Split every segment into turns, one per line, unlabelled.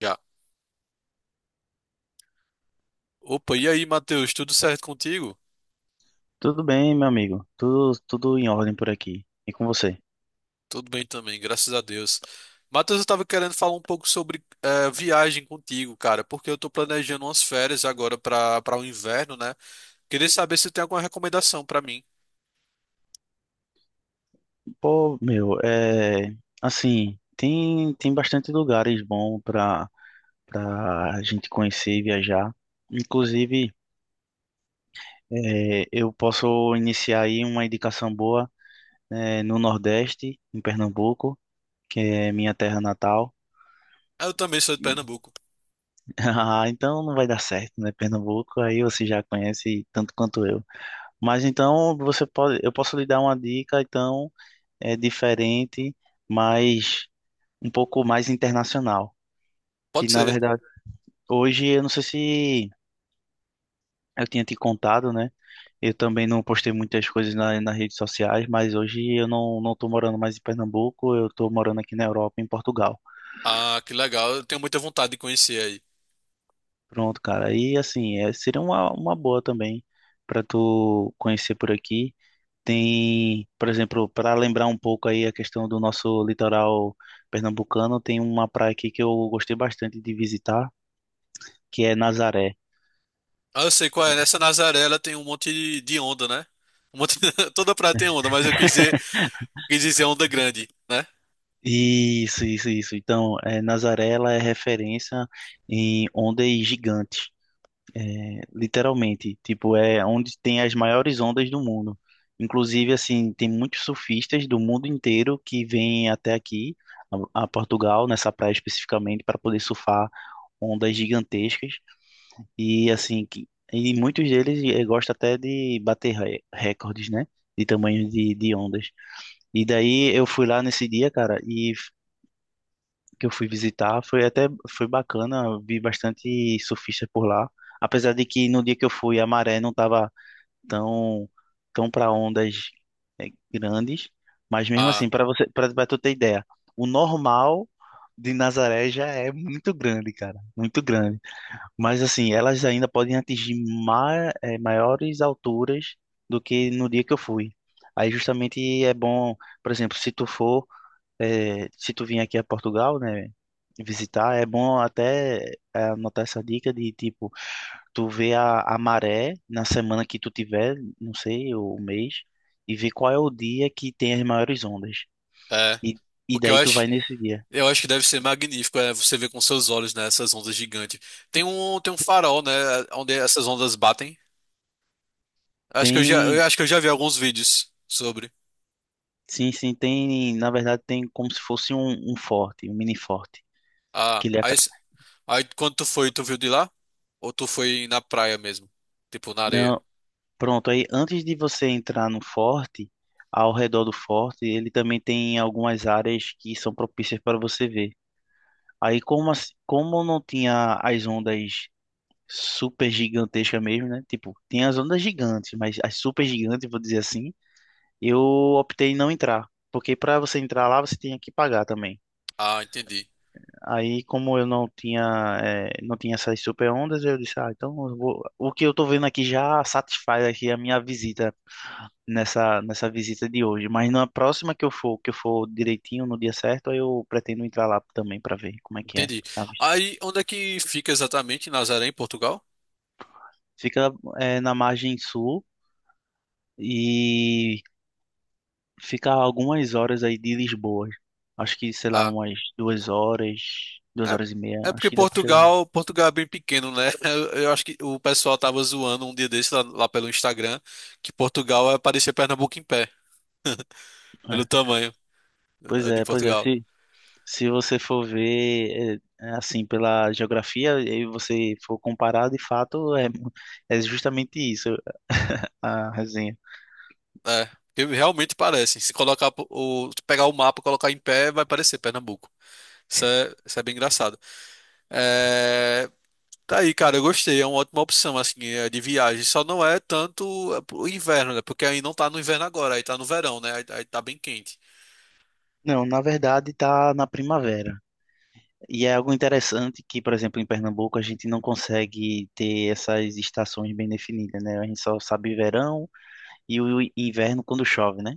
Já. Opa, e aí, Matheus, tudo certo contigo?
Tudo bem, meu amigo. Tudo em ordem por aqui. E com você?
Tudo bem também, graças a Deus. Matheus, eu tava querendo falar um pouco sobre viagem contigo, cara, porque eu tô planejando umas férias agora para o inverno, né? Queria saber se tem alguma recomendação pra mim.
Pô, meu, é assim, tem bastante lugares bons para a gente conhecer e viajar. Inclusive, é, eu posso iniciar aí uma indicação boa, né, no Nordeste, em Pernambuco, que é minha terra natal.
Ah, eu também sou de Pernambuco.
Ah, então não vai dar certo, né? Pernambuco, aí você já conhece tanto quanto eu. Mas então você pode, eu posso lhe dar uma dica, então é diferente, mas um pouco mais internacional. Que
Pode
na
ser.
verdade, hoje eu não sei se eu tinha te contado, né? Eu também não postei muitas coisas nas redes sociais, mas hoje eu não tô morando mais em Pernambuco, eu tô morando aqui na Europa, em Portugal.
Ah, que legal, eu tenho muita vontade de conhecer aí.
Pronto, cara. E assim, é, seria uma boa também para tu conhecer por aqui. Tem, por exemplo, para lembrar um pouco aí a questão do nosso litoral pernambucano, tem uma praia aqui que eu gostei bastante de visitar que é Nazaré.
Ah, eu sei qual é, nessa Nazaré ela tem um monte de onda, né? Um monte... Toda praia tem onda, mas eu quis dizer onda grande, né?
Isso, isso, isso. Então, é, Nazaré ela é referência em ondas gigantes, é, literalmente. Tipo, é onde tem as maiores ondas do mundo. Inclusive, assim, tem muitos surfistas do mundo inteiro que vêm até aqui, a Portugal, nessa praia especificamente, para poder surfar ondas gigantescas. E, assim, que, e muitos deles gostam até de bater recordes, né? De tamanho de ondas. E daí eu fui lá nesse dia, cara, e que eu fui visitar. Foi até foi bacana, vi bastante surfista por lá. Apesar de que no dia que eu fui a maré não estava tão tão para ondas eh, grandes, mas mesmo
Ah,
assim, para você para tu ter ideia, o normal de Nazaré já é muito grande, cara, muito grande. Mas assim, elas ainda podem atingir maiores alturas do que no dia que eu fui. Aí justamente é bom, por exemplo, se tu for, se tu vir aqui a Portugal, né? Visitar, é bom até é, anotar essa dica de tipo, tu vê a maré na semana que tu tiver, não sei, o mês, e ver qual é o dia que tem as maiores ondas.
é.
E, e
Porque eu
daí tu
acho.
vai nesse dia.
Eu acho que deve ser magnífico, é, você ver com seus olhos, né, essas ondas gigantes. Tem um farol, né, onde essas ondas batem. Acho que eu já, eu
Tem,
acho que eu já vi alguns vídeos sobre.
sim, sim, tem, na verdade tem como se fosse um forte, um mini forte,
Ah,
que
aí, s- aí quando tu foi, tu viu de lá? Ou tu foi na praia mesmo? Tipo, na areia?
não, pronto, aí antes de você entrar no forte, ao redor do forte, ele também tem algumas áreas que são propícias para você ver. Aí como não tinha as ondas super gigantescas mesmo, né? Tipo, tinha as ondas gigantes, mas as super gigantes, vou dizer assim, eu optei em não entrar, porque para você entrar lá você tinha que pagar também.
Ah, entendi.
Aí como eu não tinha não tinha essas super ondas, eu disse, ah, então o que eu tô vendo aqui já satisfaz aqui a minha visita nessa visita de hoje, mas na próxima que eu for, direitinho no dia certo, aí eu pretendo entrar lá também para ver como é que é.
Entendi. Aí, onde é que fica exatamente Nazaré, em Portugal?
Fica é, na margem sul e fica a algumas horas aí de Lisboa. Acho que, sei lá,
Ah,
umas duas horas e meia,
é, é
acho
porque
que dá pra chegar.
Portugal é bem pequeno, né? Eu acho que o pessoal tava zoando um dia desse lá, pelo Instagram que Portugal é parecer Pernambuco em pé, pelo
É.
tamanho
Pois
de
é, pois é.
Portugal.
Se você for ver, é assim, pela geografia e você for comparar, de fato, é, é justamente isso a resenha.
É, porque realmente parece. Se colocar se pegar o mapa, e colocar em pé, vai parecer Pernambuco. Isso é bem engraçado. É, tá aí, cara, eu gostei. É uma ótima opção assim de viagem. Só não é tanto pro inverno, né? Porque aí não tá no inverno agora, aí tá no verão, né? Aí tá bem quente.
Não, na verdade tá na primavera. E é algo interessante que, por exemplo, em Pernambuco a gente não consegue ter essas estações bem definidas, né? A gente só sabe verão e o inverno quando chove, né?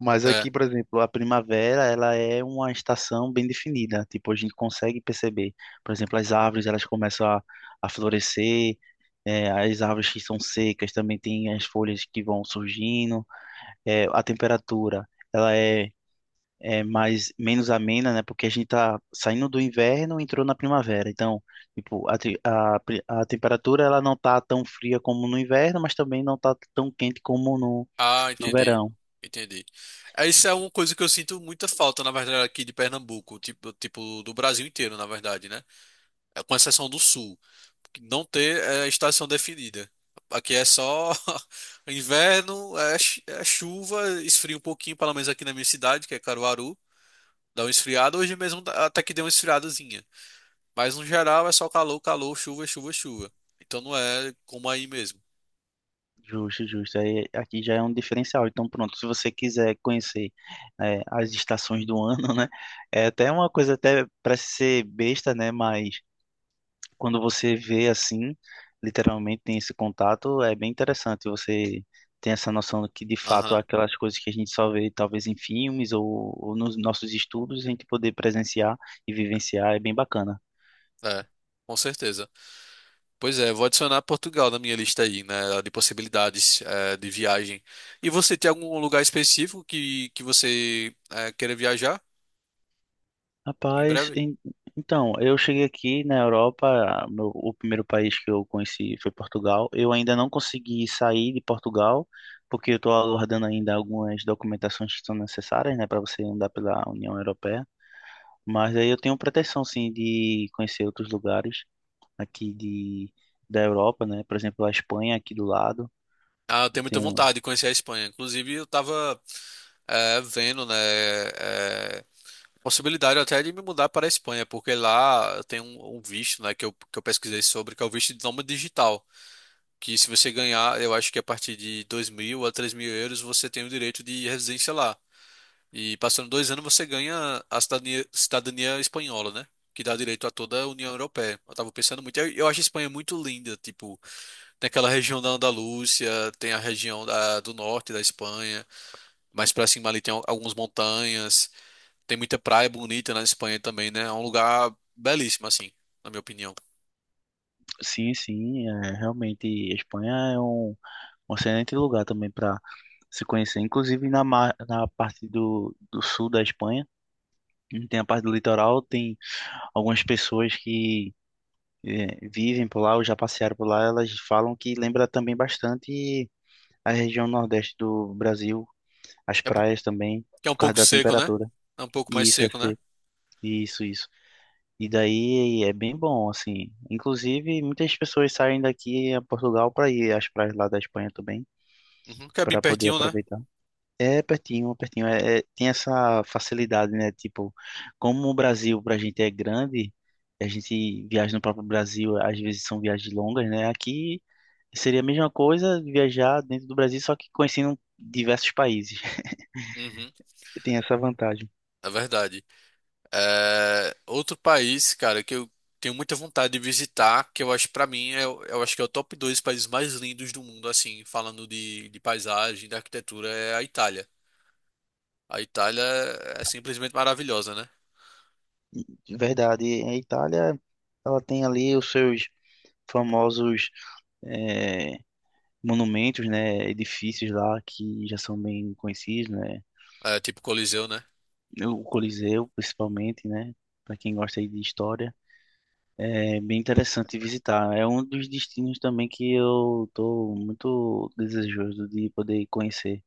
Mas
É.
aqui, por exemplo, a primavera, ela é uma estação bem definida. Tipo, a gente consegue perceber, por exemplo, as árvores, elas começam a florescer, é, as árvores que são secas também têm as folhas que vão surgindo, é, a temperatura, ela é mais menos amena, né? Porque a gente tá saindo do inverno, e entrou na primavera. Então, tipo, a, te- a, pri- a temperatura ela não tá tão fria como no inverno, mas também não tá tão quente como
Ah,
no
entendi.
verão.
Entendi. É, isso é uma coisa que eu sinto muita falta, na verdade, aqui de Pernambuco, tipo do Brasil inteiro, na verdade, né? É, com exceção do Sul, que não ter é, estação definida. Aqui é só inverno, é chuva, esfria um pouquinho, pelo menos aqui na minha cidade, que é Caruaru, dá um esfriado. Hoje mesmo até que deu uma esfriadazinha. Mas no geral é só calor, calor, chuva, chuva, chuva. Então não é como aí mesmo.
Justo, justo. Aí, aqui já é um diferencial. Então, pronto, se você quiser conhecer é, as estações do ano, né? É até uma coisa até parece ser besta, né? Mas quando você vê assim, literalmente tem esse contato, é bem interessante. Você tem essa noção de que, de fato,
Aham,
é aquelas coisas que a gente só vê talvez em filmes ou nos nossos estudos, a gente poder presenciar e vivenciar é bem bacana.
é, com certeza. Pois é, vou adicionar Portugal na minha lista aí, né, de possibilidades é, de viagem. E você tem algum lugar específico que você é, queira viajar em
Rapaz,
breve?
então, eu cheguei aqui na Europa, o primeiro país que eu conheci foi Portugal. Eu ainda não consegui sair de Portugal, porque eu estou aguardando ainda algumas documentações que são necessárias, né, para você andar pela União Europeia. Mas aí eu tenho pretensão, sim, de conhecer outros lugares aqui de, da Europa, né? Por exemplo, a Espanha aqui do lado.
Ah, eu tenho muita
Então,
vontade de conhecer a Espanha. Inclusive, eu tava é, vendo, né, é, possibilidade até de me mudar para a Espanha, porque lá eu tenho um visto, né, que eu pesquisei sobre, que é o visto de nômade digital. Que se você ganhar, eu acho que a partir de 2 mil a 3 mil euros você tem o direito de residência lá. E passando 2 anos você ganha a cidadania, cidadania espanhola, né? Que dá direito a toda a União Europeia. Eu tava pensando muito. Eu acho a Espanha muito linda, tipo, tem aquela região da Andalúcia, tem a região do norte da Espanha, mais pra cima ali tem algumas montanhas. Tem muita praia bonita na Espanha também, né? É um lugar belíssimo, assim, na minha opinião.
sim, sim, é, realmente a Espanha é um, um excelente lugar também para se conhecer. Inclusive na parte do sul da Espanha, tem a parte do litoral, tem algumas pessoas que é, vivem por lá ou já passearam por lá, elas falam que lembra também bastante a região nordeste do Brasil, as
É porque
praias também,
é um
por causa
pouco
da
seco, né?
temperatura.
É um pouco mais
Isso,
seco, né?
isso, isso. E daí é bem bom, assim. Inclusive, muitas pessoas saem daqui a Portugal para ir às praias lá da Espanha também,
Uhum. Porque é bem
para poder
pertinho, né?
aproveitar. É pertinho, pertinho. É, tem essa facilidade, né? Tipo, como o Brasil pra gente é grande, a gente viaja no próprio Brasil, às vezes são viagens longas, né? Aqui seria a mesma coisa viajar dentro do Brasil, só que conhecendo diversos países.
Uhum.
Tem essa vantagem.
É verdade. É, outro país, cara, que eu tenho muita vontade de visitar, que eu acho pra mim, eu acho que é o top dois países mais lindos do mundo, assim, falando de paisagem, de arquitetura, é a Itália. A Itália é simplesmente maravilhosa, né?
De verdade. A Itália, ela tem ali os seus famosos é, monumentos, né, edifícios lá que já são bem conhecidos, né,
É tipo Coliseu, né?
o Coliseu principalmente, né, para quem gosta aí de história, é bem interessante visitar. É um dos destinos também que eu tô muito desejoso de poder conhecer.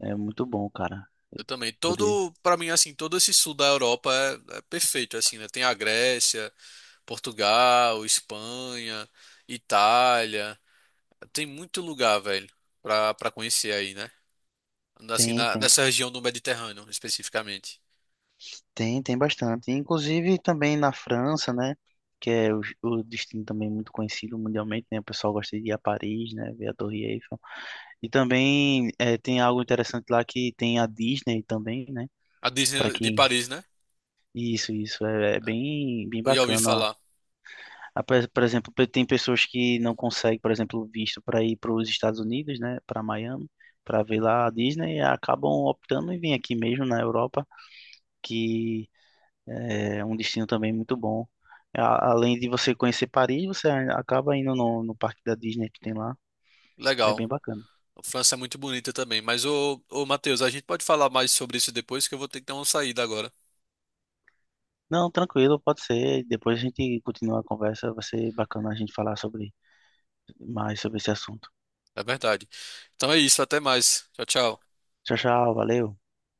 É muito bom, cara,
Eu também.
poder.
Todo, para mim, assim, todo esse sul da Europa é, é perfeito, assim, né? Tem a Grécia, Portugal, Espanha, Itália. Tem muito lugar, velho, pra conhecer aí, né? Assim,
Tem, tem,
nessa região do Mediterrâneo, especificamente.
tem bastante. Inclusive também na França, né? Que é o destino também muito conhecido mundialmente, né? O pessoal gosta de ir a Paris, né? Ver a Torre Eiffel. E também é, tem algo interessante lá que tem a Disney também, né?
A
Para
Disney de
quem.
Paris, né?
Isso, isso. É, é bem, bem
Eu já ouvi
bacana.
falar.
Ah, por exemplo, tem pessoas que não conseguem, por exemplo, visto para ir para os Estados Unidos, né? Para Miami, para ver lá a Disney, e acabam optando em vir aqui mesmo na Europa, que eh, é um destino também muito bom. Além de você conhecer Paris, acaba indo no parque da Disney que tem lá. É
Legal.
bem bacana.
A França é muito bonita também. Mas, ô, Matheus, a gente pode falar mais sobre isso depois, que eu vou ter que dar uma saída agora.
Não, tranquilo, pode ser. Depois a gente continua a conversa. Vai ser bacana a gente falar sobre mais sobre esse assunto.
É verdade. Então é isso, até mais. Tchau, tchau.
Tchau, tchau, valeu.